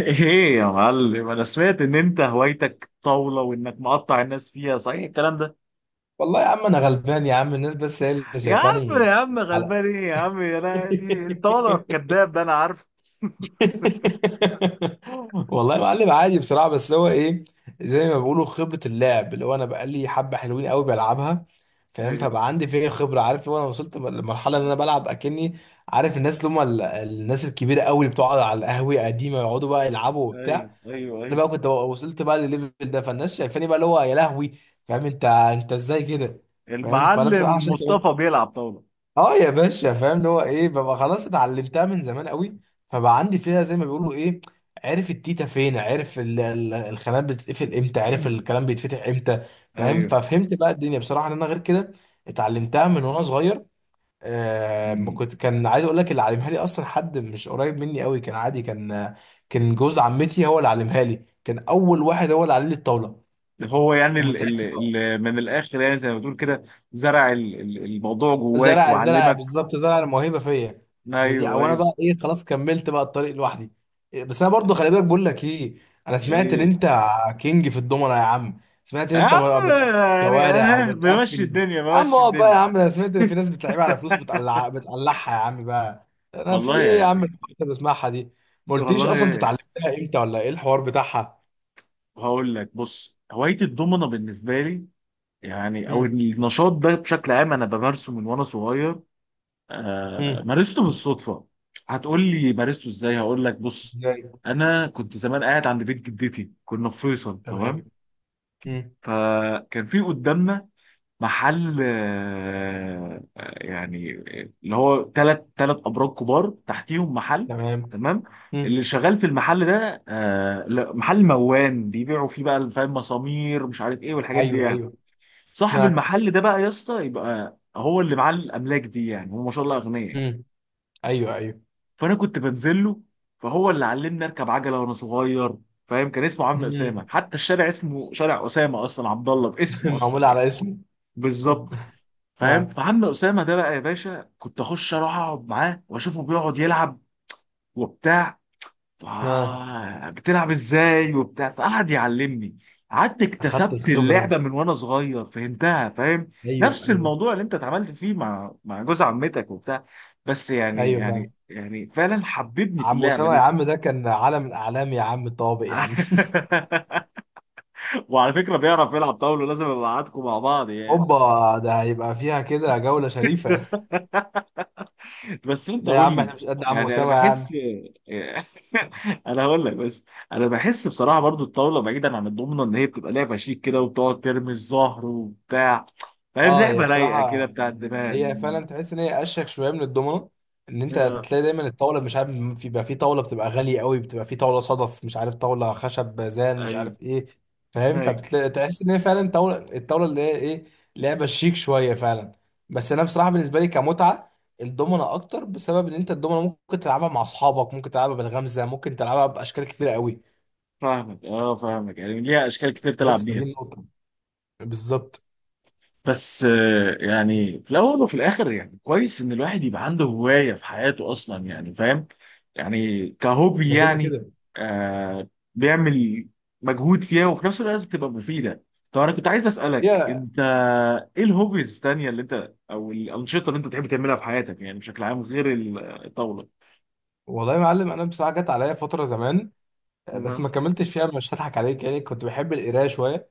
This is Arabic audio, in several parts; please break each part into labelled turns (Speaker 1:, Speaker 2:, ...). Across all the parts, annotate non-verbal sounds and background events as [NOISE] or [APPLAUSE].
Speaker 1: ايه يا معلم، انا سمعت ان انت هوايتك طاولة وانك مقطع الناس فيها، صحيح الكلام ده؟
Speaker 2: والله يا عم انا غلبان يا عم الناس بس هي اللي
Speaker 1: يا عم يا
Speaker 2: شايفاني
Speaker 1: عم
Speaker 2: على.
Speaker 1: غلبان ايه يا عم،
Speaker 2: [LAUGHS]
Speaker 1: انا دي الطاولة، الكذاب ده انا عارف.
Speaker 2: والله يا معلم عادي بصراحه، بس هو ايه، زي ما بيقولوا خبره اللعب، اللي هو انا بقالي حبه حلوين قوي بلعبها، فاهم؟
Speaker 1: ايوه،
Speaker 2: فبقى عندي فيها خبره، عارف اللي هو انا وصلت لمرحله ان انا بلعب اكني عارف الناس اللي هم الناس الكبيره قوي اللي بتقعد على القهوه قديمه يقعدوا بقى يلعبوا
Speaker 1: ايوه،
Speaker 2: وبتاع.
Speaker 1: ايوه.
Speaker 2: انا
Speaker 1: ايوه.
Speaker 2: بقى كنت وصلت بقى للليفل ده، فالناس شايفاني بقى اللي هو يا لهوي، فاهم؟ انت ازاي كده؟ فاهم؟ فانا بصراحه
Speaker 1: المعلم
Speaker 2: عشان كده،
Speaker 1: مصطفى بيلعب طاولة.
Speaker 2: اه يا باشا، فاهم اللي هو ايه، ببقى خلاص اتعلمتها من زمان قوي، فبقى عندي فيها زي ما بيقولوا ايه، عارف التيتا فين، عارف الخانات بتتقفل امتى، عارف
Speaker 1: [CLEARS THROAT]
Speaker 2: الكلام بيتفتح امتى، فاهم؟
Speaker 1: ايوه.
Speaker 2: ففهمت بقى الدنيا بصراحه ان انا غير كده. اتعلمتها من وانا صغير. آه، ما
Speaker 1: أمم.
Speaker 2: كنت كان عايز اقول لك، اللي علمها لي اصلا حد مش قريب مني قوي، كان عادي، كان كان جوز عمتي هو اللي علمها لي، كان اول واحد هو اللي علم لي الطاوله،
Speaker 1: هو يعني
Speaker 2: ومن
Speaker 1: ال ال
Speaker 2: ساعتها.
Speaker 1: ال من الاخر، يعني زي ما بتقول كده. زرع الموضوع جواك
Speaker 2: زرع
Speaker 1: وعلمك.
Speaker 2: بالظبط، زرع الموهبه فيا. فدي،
Speaker 1: ايوه،
Speaker 2: او انا
Speaker 1: ايوه.
Speaker 2: بقى ايه، خلاص كملت بقى الطريق لوحدي. إيه، بس انا برضو خلي بالك بقول لك ايه، انا سمعت ان
Speaker 1: ايه
Speaker 2: انت كينج في الضمنه يا عم، سمعت ان
Speaker 1: يا
Speaker 2: انت
Speaker 1: عم،
Speaker 2: ما بتقفل
Speaker 1: يعني
Speaker 2: شوارع، او
Speaker 1: بمشي
Speaker 2: بتقفل؟
Speaker 1: الدنيا
Speaker 2: اما
Speaker 1: بمشي
Speaker 2: هو بقى، يا
Speaker 1: الدنيا.
Speaker 2: عم انا سمعت ان في ناس بتلعبها على فلوس، بتقلع بتقلعها يا عم بقى، انا في
Speaker 1: والله
Speaker 2: ايه يا عم
Speaker 1: يعني.
Speaker 2: الحاجات اللي بسمعها دي؟ ما قلتليش
Speaker 1: والله
Speaker 2: اصلا انت
Speaker 1: يعني.
Speaker 2: اتعلمتها امتى، ولا ايه الحوار بتاعها؟
Speaker 1: هقول لك، بص، هواية الضمنة بالنسبة لي، يعني أو
Speaker 2: هم.
Speaker 1: النشاط ده بشكل عام أنا بمارسه من وأنا صغير. آه،
Speaker 2: هم.
Speaker 1: مارسته بالصدفة. هتقول لي مارسته إزاي؟ هقول لك، بص.
Speaker 2: ازاي.
Speaker 1: أنا كنت زمان قاعد عند بيت جدتي، كنا في فيصل،
Speaker 2: تمام.
Speaker 1: تمام.
Speaker 2: هم.
Speaker 1: فكان في قدامنا محل، يعني اللي هو تلات ابراج كبار تحتيهم محل.
Speaker 2: تمام.
Speaker 1: تمام.
Speaker 2: هم.
Speaker 1: اللي شغال في المحل ده، لا، محل موان بيبيعوا فيه بقى فاهم، مسامير مش عارف ايه والحاجات دي
Speaker 2: ايوه
Speaker 1: يعني.
Speaker 2: ايوه.
Speaker 1: صاحب
Speaker 2: ها.
Speaker 1: المحل ده بقى يا اسطى، يبقى هو اللي معاه الاملاك دي، يعني هو ما شاء الله اغنياء يعني.
Speaker 2: هم. ايوه ايوه.
Speaker 1: فانا كنت بنزل له، فهو اللي علمني اركب عجله وانا صغير. فاهم، كان اسمه عم
Speaker 2: مم.
Speaker 1: اسامه، حتى الشارع اسمه شارع اسامه اصلا، عبد الله
Speaker 2: [LAUGHS]
Speaker 1: باسمه اصلا
Speaker 2: معمولة
Speaker 1: يعني.
Speaker 2: على اسمه. رب-
Speaker 1: بالظبط. فاهم،
Speaker 2: اه.
Speaker 1: فعم اسامه ده بقى يا باشا كنت اخش اروح اقعد معاه واشوفه بيقعد يلعب وبتاع. ف-
Speaker 2: اه.
Speaker 1: بتلعب ازاي وبتاع، فقعد يعلمني. قعدت
Speaker 2: اخدت
Speaker 1: اكتسبت
Speaker 2: الخبرة
Speaker 1: اللعبه
Speaker 2: انت.
Speaker 1: من وانا صغير، فهمتها، فاهم.
Speaker 2: ايوه
Speaker 1: نفس
Speaker 2: ايوه.
Speaker 1: الموضوع اللي انت اتعاملت فيه مع جوز عمتك وبتاع. بس يعني
Speaker 2: ايوه
Speaker 1: يعني
Speaker 2: فعلا.
Speaker 1: يعني فعلا حببني في
Speaker 2: عم
Speaker 1: اللعبه
Speaker 2: أسامة يا
Speaker 1: دي.
Speaker 2: عم، ده كان علم من أعلام يا عم الطوابق يا عم.
Speaker 1: [LAUGHS] وعلى فكره، بيعرف يلعب طاوله لازم ابقى معاكم مع بعض يعني.
Speaker 2: هوبا، ده هيبقى فيها كده جولة شريفة.
Speaker 1: [LAUGHS] بس انت
Speaker 2: لا يا
Speaker 1: قول
Speaker 2: عم
Speaker 1: لي،
Speaker 2: احنا مش قد عم
Speaker 1: يعني انا
Speaker 2: أسامة يا
Speaker 1: بحس،
Speaker 2: عم.
Speaker 1: [LAUGHS] انا هقول لك بس. انا بحس بصراحه برضو الطاوله بعيدا عن الضمنه، ان هي بتبقى لعبه شيك كده، وبتقعد ترمي الزهر وبتاع. فاهم،
Speaker 2: اه، هي
Speaker 1: لعبه رايقه كده،
Speaker 2: بصراحة
Speaker 1: بتاع الدماغ.
Speaker 2: هي فعلا تحس ان هي اشيك شويه من الدومنه. ان انت
Speaker 1: آه،
Speaker 2: تلاقي دايما الطاوله مش عارف، بيبقى في طاوله بتبقى غاليه قوي، بتبقى في طاوله صدف، مش عارف طاوله خشب بازان، مش
Speaker 1: ايوه،
Speaker 2: عارف ايه، فاهم؟
Speaker 1: ايوه،
Speaker 2: فبتلاقي تحس ان هي فعلا طاوله، الطاوله اللي هي ايه، لعبه شيك شويه فعلا. بس انا بصراحه بالنسبه لي كمتعه الدومنه اكتر، بسبب ان انت الدومنه ممكن تلعبها مع اصحابك، ممكن تلعبها بالغمزه، ممكن تلعبها باشكال كتير قوي.
Speaker 1: فاهمك، فاهمك، يعني ليها اشكال كتير تلعب
Speaker 2: بس فدي
Speaker 1: بيها.
Speaker 2: النقطه. بالظبط.
Speaker 1: بس يعني في الاول وفي الاخر، يعني كويس ان الواحد يبقى عنده هوايه في حياته اصلا يعني فاهم، يعني كهوبي
Speaker 2: ده كده
Speaker 1: يعني.
Speaker 2: كده.
Speaker 1: آه. بيعمل مجهود فيها، وفي نفس الوقت بتبقى مفيده. طب انا كنت عايز اسالك
Speaker 2: هي
Speaker 1: انت، ايه الهوبيز الثانيه اللي انت، او الانشطه اللي انت بتحب تعملها في حياتك يعني بشكل عام، غير الطاوله؟
Speaker 2: والله يا معلم، انا بصراحه جت عليا فتره زمان، بس
Speaker 1: نعم.
Speaker 2: ما كملتش فيها مش هضحك عليك، يعني كنت بحب القرايه شويه.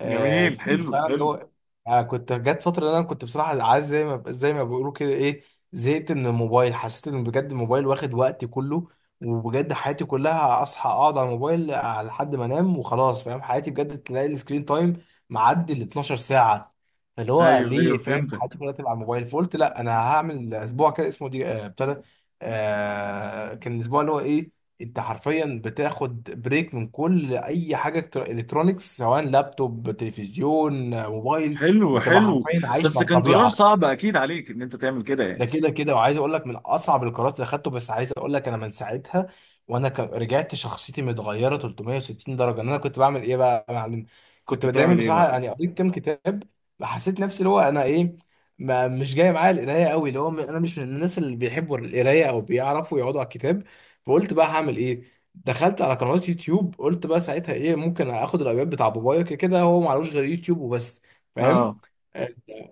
Speaker 2: آه
Speaker 1: جميل،
Speaker 2: كنت
Speaker 1: حلو،
Speaker 2: فعلا اللي
Speaker 1: حلو.
Speaker 2: هو، آه كنت جت فتره إن انا كنت بصراحه عايز زي ما بيقولوا كده ايه، زهقت من الموبايل، حسيت ان بجد الموبايل واخد وقتي كله، وبجد حياتي كلها اصحى اقعد على الموبايل، آه، لحد ما انام وخلاص، فاهم؟ حياتي بجد تلاقي السكرين تايم معدي ال 12 ساعه، فاللي هو
Speaker 1: ايوه، ايوه،
Speaker 2: ليه، فاهم؟
Speaker 1: فهمتك.
Speaker 2: حياتي كلها تبقى على الموبايل، فقلت لا انا هعمل اسبوع كده اسمه دي، آه ابتدى. آه كان الاسبوع اللي هو ايه، انت حرفيا بتاخد بريك من كل اي حاجه، الكترونيكس، سواء لابتوب، تلفزيون، موبايل،
Speaker 1: حلو،
Speaker 2: بتبقى
Speaker 1: حلو.
Speaker 2: حرفيا عايش
Speaker 1: بس
Speaker 2: مع
Speaker 1: كان قرار
Speaker 2: الطبيعه.
Speaker 1: صعب اكيد عليك ان انت تعمل كده
Speaker 2: ده
Speaker 1: يعني.
Speaker 2: كده كده، وعايز اقول لك من اصعب القرارات اللي اخدته، بس عايز اقول لك انا من ساعتها وانا رجعت شخصيتي متغيره 360 درجه. ان انا كنت بعمل ايه بقى يا معلم،
Speaker 1: كنت
Speaker 2: كنت دايما
Speaker 1: بتعمل ايه
Speaker 2: بصراحه
Speaker 1: بقى؟
Speaker 2: يعني قريت كام كتاب، حسيت نفسي اللي هو انا ايه، ما مش جاي معايا القرايه قوي، اللي هو انا مش من الناس اللي بيحبوا القرايه او بيعرفوا يقعدوا على الكتاب. فقلت بقى هعمل ايه، دخلت على قنوات يوتيوب، قلت بقى ساعتها ايه، ممكن اخد الايباد بتاع بابايا، كده كده هو معلوش غير يوتيوب وبس، فاهم؟
Speaker 1: اه.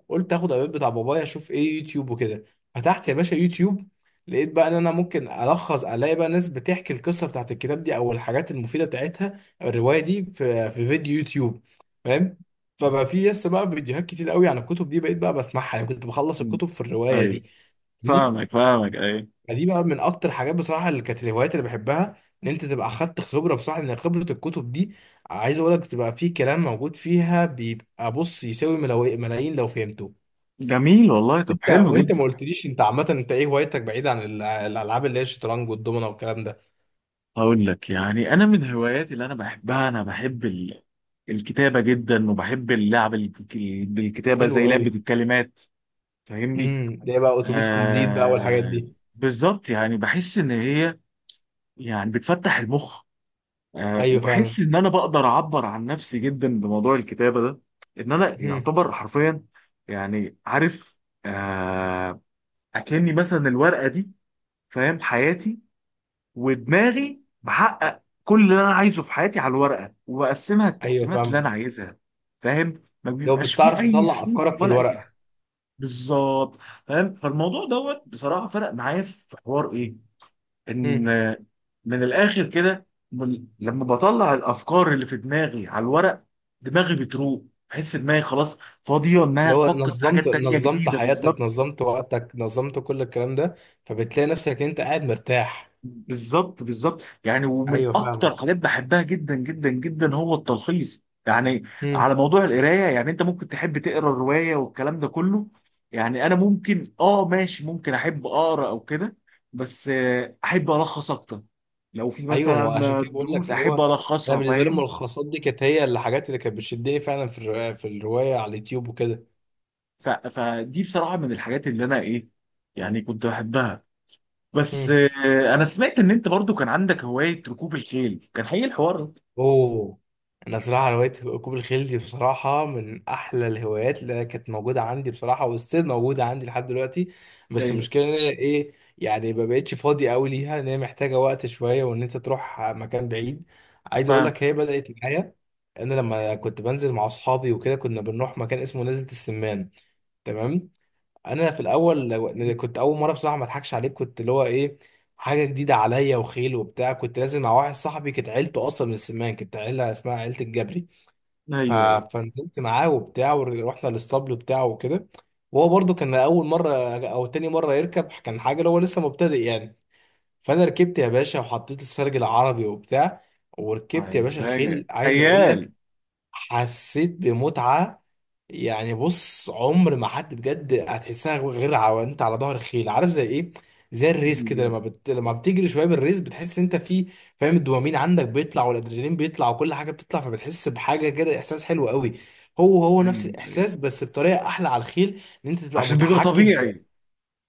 Speaker 2: قلت اخد الابيض بتاع بابايا اشوف ايه يوتيوب وكده. فتحت يا باشا يوتيوب، لقيت بقى ان انا ممكن الخص، الاقي بقى ناس بتحكي القصه بتاعت الكتاب دي، او الحاجات المفيده بتاعتها، أو الروايه دي في في فيديو يوتيوب، فاهم؟ فبقى في يس بقى فيديوهات كتير قوي عن الكتب دي، بقيت بقى بسمعها، يعني كنت بخلص
Speaker 1: مم.
Speaker 2: الكتب في الروايه
Speaker 1: ايوه،
Speaker 2: دي، فاهمني؟
Speaker 1: فاهمك فاهمك، ايوه.
Speaker 2: فدي بقى من اكتر الحاجات بصراحه اللي كانت الهوايات اللي بحبها، ان انت تبقى اخدت خبره، بصراحه لان خبره الكتب دي، عايز اقول لك بتبقى في كلام موجود فيها، بيبقى بص يساوي ملايين لو فهمته.
Speaker 1: جميل والله، طب
Speaker 2: انت
Speaker 1: حلو
Speaker 2: وانت
Speaker 1: جدا.
Speaker 2: ما قلتليش انت عامه انت ايه هوايتك، بعيد عن الالعاب اللي هي الشطرنج والدومنه والكلام ده؟
Speaker 1: هقول لك، يعني انا من هواياتي اللي انا بحبها، انا بحب ال... الكتابه جدا، وبحب اللعب ال- بالكتابه،
Speaker 2: حلو
Speaker 1: زي
Speaker 2: قوي.
Speaker 1: لعبه الكلمات. فاهمني.
Speaker 2: امم، ده إيه بقى، اتوبيس كومبليت بقى
Speaker 1: آه.
Speaker 2: والحاجات دي؟
Speaker 1: بالظبط، يعني بحس ان هي، يعني بتفتح المخ. آه،
Speaker 2: ايوه فعلا.
Speaker 1: وبحس ان انا بقدر اعبر عن نفسي جدا بموضوع الكتابه ده، ان انا
Speaker 2: امم.
Speaker 1: يعتبر حرفيا، يعني عارف، آه، اكني مثلا الورقه دي، فاهم، حياتي ودماغي بحقق كل اللي انا عايزه في حياتي على الورقه، وبقسمها
Speaker 2: ايوه
Speaker 1: التقسيمات اللي انا
Speaker 2: فاهمك.
Speaker 1: عايزها. فاهم، ما
Speaker 2: لو
Speaker 1: بيبقاش فيه
Speaker 2: بتعرف
Speaker 1: اي
Speaker 2: تطلع
Speaker 1: شروط
Speaker 2: افكارك في
Speaker 1: ولا اي
Speaker 2: الورق.
Speaker 1: حاجه. بالظبط. فاهم، فالموضوع دوت بصراحه فرق معايا في حوار ايه، ان
Speaker 2: امم.
Speaker 1: من الاخر كده، لما بطلع الافكار اللي في دماغي على الورق، دماغي بتروق، بحس دماغي خلاص فاضيه انها
Speaker 2: اللي هو
Speaker 1: تفكر في
Speaker 2: نظمت،
Speaker 1: حاجات تانية
Speaker 2: نظمت
Speaker 1: جديده.
Speaker 2: حياتك،
Speaker 1: بالظبط،
Speaker 2: نظمت وقتك، نظمت كل الكلام ده، فبتلاقي نفسك انت قاعد مرتاح.
Speaker 1: بالظبط، بالظبط، يعني ومن
Speaker 2: ايوه
Speaker 1: اكتر
Speaker 2: فاهمك.
Speaker 1: حاجات بحبها جدا جدا جدا هو التلخيص، يعني
Speaker 2: امم.
Speaker 1: على موضوع القرايه، يعني انت ممكن تحب تقرا الروايه والكلام ده كله، يعني انا ممكن ماشي، ممكن احب اقرا او كده، بس احب الخص اكتر. لو في
Speaker 2: ايوه، ما عشان
Speaker 1: مثلا
Speaker 2: كده بقول
Speaker 1: دروس
Speaker 2: لك اللي
Speaker 1: احب
Speaker 2: هو، انا
Speaker 1: الخصها،
Speaker 2: بالنسبه لي
Speaker 1: فاهم.
Speaker 2: الملخصات دي كانت هي الحاجات اللي كانت بتشدني فعلا في في الروايه على اليوتيوب وكده.
Speaker 1: فدي بصراحه من الحاجات اللي انا ايه، يعني كنت بحبها. بس
Speaker 2: امم،
Speaker 1: انا سمعت ان انت برضو كان عندك هوايه ركوب الخيل، كان حقيقي الحوار ده؟
Speaker 2: اوه. انا صراحه هوايه ركوب الخيل دي بصراحه من احلى الهوايات اللي أنا كانت موجوده عندي، بصراحه والسير موجوده عندي لحد دلوقتي. بس
Speaker 1: ايوه.
Speaker 2: المشكله ان انا ايه، يعني ما بقتش فاضي قوي ليها، ان هي محتاجه وقت شويه، وان انت تروح مكان بعيد. عايز اقول
Speaker 1: فاهم.
Speaker 2: لك هي بدات معايا، انا لما كنت بنزل مع اصحابي وكده كنا بنروح مكان اسمه نزلة السمان، تمام؟ انا في الاول كنت اول مره بصراحه ما اضحكش عليك، كنت اللي هو ايه، حاجه جديده عليا، وخيل وبتاع، كنت لازم مع واحد صاحبي كانت عيلته اصلا من السمان، كانت عيله اسمها عيله الجبري، ف...
Speaker 1: ايوه، ايوه.
Speaker 2: فنزلت معاه وبتاع، ورحنا للاسطبل بتاعه وكده. وهو برضو كان اول مره او تاني مره يركب، كان حاجه اللي هو لسه مبتدئ يعني. فانا ركبت يا باشا، وحطيت السرج العربي وبتاع، وركبت
Speaker 1: ايوه،
Speaker 2: يا باشا
Speaker 1: مزاجك
Speaker 2: الخيل. عايز اقول
Speaker 1: خيال.
Speaker 2: لك حسيت بمتعه، يعني بص عمر ما حد بجد هتحسها غير انت على ظهر الخيل، عارف زي ايه، زي الريس كده
Speaker 1: ايوه،
Speaker 2: لما لما بتجري شويه بالريس بتحس انت في، فاهم؟ الدوبامين عندك بيطلع، والادرينالين بيطلع، وكل حاجه بتطلع، فبتحس بحاجه كده احساس حلو قوي. هو هو نفس
Speaker 1: ايوه،
Speaker 2: الاحساس، بس بطريقه احلى على الخيل، ان انت تبقى
Speaker 1: عشان بيبقى
Speaker 2: متحكم
Speaker 1: طبيعي.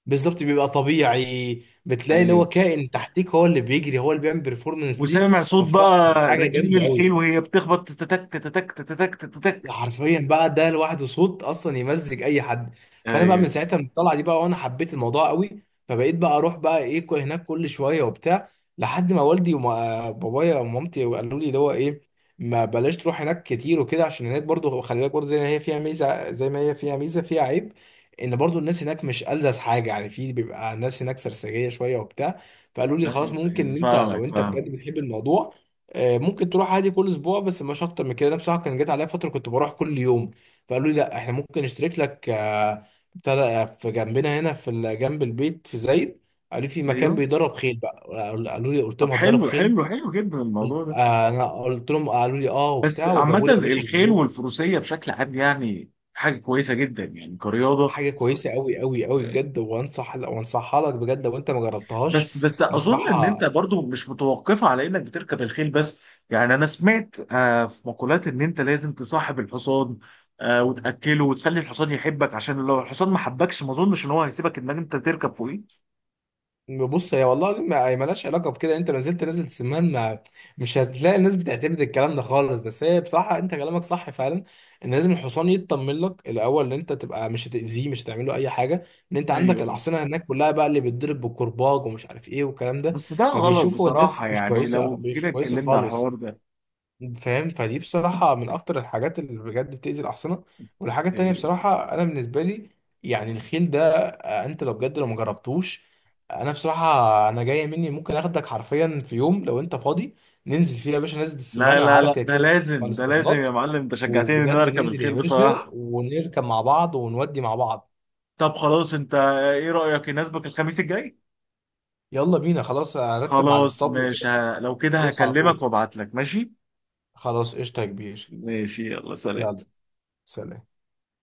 Speaker 2: بالظبط، بيبقى طبيعي، بتلاقي اللي
Speaker 1: ايوه،
Speaker 2: هو كائن تحتيك هو اللي بيجري، هو اللي بيعمل بيرفورمانس دي.
Speaker 1: وسامع صوت
Speaker 2: فبصراحه
Speaker 1: بقى
Speaker 2: كانت حاجه
Speaker 1: رجلين
Speaker 2: جامده
Speaker 1: الخيل
Speaker 2: قوي.
Speaker 1: وهي بتخبط، تتك تتك تتك
Speaker 2: لا
Speaker 1: تتك.
Speaker 2: حرفيا بقى ده لوحده صوت اصلا يمزج اي حد. فانا بقى
Speaker 1: ايوه.
Speaker 2: من ساعتها من الطلعه دي بقى، وانا حبيت الموضوع قوي، فبقيت بقى اروح بقى ايه هناك كل شويه وبتاع. لحد ما والدي وبابايا ومامتي قالوا لي ده هو ايه، ما بلاش تروح هناك كتير وكده، عشان هناك برضو خلي بالك، برضو زي ما هي فيها ميزه، فيها عيب، ان برضو الناس هناك مش ألذذ حاجه يعني، في بيبقى الناس هناك سرسجيه شويه وبتاع. فقالوا لي خلاص
Speaker 1: ايوه،
Speaker 2: ممكن
Speaker 1: ايوه
Speaker 2: إن انت
Speaker 1: فاهمك
Speaker 2: لو انت
Speaker 1: فاهمك،
Speaker 2: بجد بتحب الموضوع، آه، ممكن تروح عادي كل اسبوع، بس مش اكتر من كده، انا بصراحه كان جات عليا فتره كنت بروح كل يوم. فقالوا لي لا احنا ممكن نشترك لك، آه، بتاع ده، آه، في جنبنا هنا في جنب البيت في زايد. قالوا لي في مكان
Speaker 1: ايوه.
Speaker 2: بيدرب خيل بقى، قالوا لي، قلت
Speaker 1: طب
Speaker 2: لهم هتدرب
Speaker 1: حلو
Speaker 2: خيل؟
Speaker 1: حلو حلو جدا الموضوع ده.
Speaker 2: آه، انا قلت لهم، قالوا لي اه
Speaker 1: بس
Speaker 2: وبتاع،
Speaker 1: عامة
Speaker 2: وجابوا لي يا باشا
Speaker 1: الخيل
Speaker 2: البوت.
Speaker 1: والفروسية بشكل عام يعني حاجة كويسة جدا يعني كرياضة.
Speaker 2: حاجه كويسه قوي قوي قوي بجد، وانصح وانصحها لك بجد لو انت ما جربتهاش.
Speaker 1: بس اظن ان انت
Speaker 2: بصراحه
Speaker 1: برضو مش متوقفه على انك بتركب الخيل بس، يعني انا سمعت في مقولات ان انت لازم تصاحب الحصان، وتاكله وتخلي الحصان يحبك، عشان لو الحصان ما حبكش ما اظنش ان هو هيسيبك انك انت تركب فوقيه.
Speaker 2: بص هي والله العظيم ما ما لهاش علاقه بكده، انت لو نزلت نازل سمان ما، مش هتلاقي الناس بتعتمد الكلام ده خالص. بس هي بصراحه انت كلامك صح فعلا، ان لازم الحصان يطمن لك الاول، ان انت تبقى مش هتاذيه، مش هتعمل له اي حاجه. ان انت عندك
Speaker 1: ايوه، ايوه.
Speaker 2: الاحصنه هناك كلها بقى اللي بتضرب بالكرباج، ومش عارف ايه، والكلام ده،
Speaker 1: بس ده غلط
Speaker 2: فبيشوفوا الناس
Speaker 1: بصراحه،
Speaker 2: مش
Speaker 1: يعني
Speaker 2: كويسه،
Speaker 1: لو
Speaker 2: مش
Speaker 1: جينا
Speaker 2: كويسه
Speaker 1: اتكلمنا على
Speaker 2: خالص،
Speaker 1: الحوار ده.
Speaker 2: فاهم؟ فدي بصراحة من أكتر الحاجات اللي بجد بتأذي الأحصنة. والحاجة التانية
Speaker 1: إيه.
Speaker 2: بصراحة أنا بالنسبة لي، يعني الخيل ده آه، أنت لو بجد لو مجربتوش، أنا بصراحة أنا جاية مني ممكن أخدك حرفيا في يوم لو أنت فاضي، ننزل فيه يا باشا نزلة
Speaker 1: لا،
Speaker 2: السمان، أنا
Speaker 1: لا،
Speaker 2: عارف
Speaker 1: لا،
Speaker 2: كده
Speaker 1: ده
Speaker 2: كده على
Speaker 1: لازم ده لازم يا
Speaker 2: الاسطبلات،
Speaker 1: معلم، انت شجعتني ان انا
Speaker 2: وبجد
Speaker 1: اركب
Speaker 2: ننزل يا
Speaker 1: الخيل
Speaker 2: باشا
Speaker 1: بصراحه.
Speaker 2: ونركب مع بعض ونودي مع بعض.
Speaker 1: طب خلاص، انت ايه رايك، يناسبك الخميس الجاي؟
Speaker 2: يلا بينا خلاص، أرتب مع
Speaker 1: خلاص،
Speaker 2: الاسطبل
Speaker 1: مش
Speaker 2: وكده.
Speaker 1: ه... لو كده
Speaker 2: خلاص على
Speaker 1: هكلمك
Speaker 2: طول.
Speaker 1: وابعت لك، ماشي.
Speaker 2: خلاص قشطة يا كبير.
Speaker 1: ماشي، يلا، سلام.
Speaker 2: يلا سلام.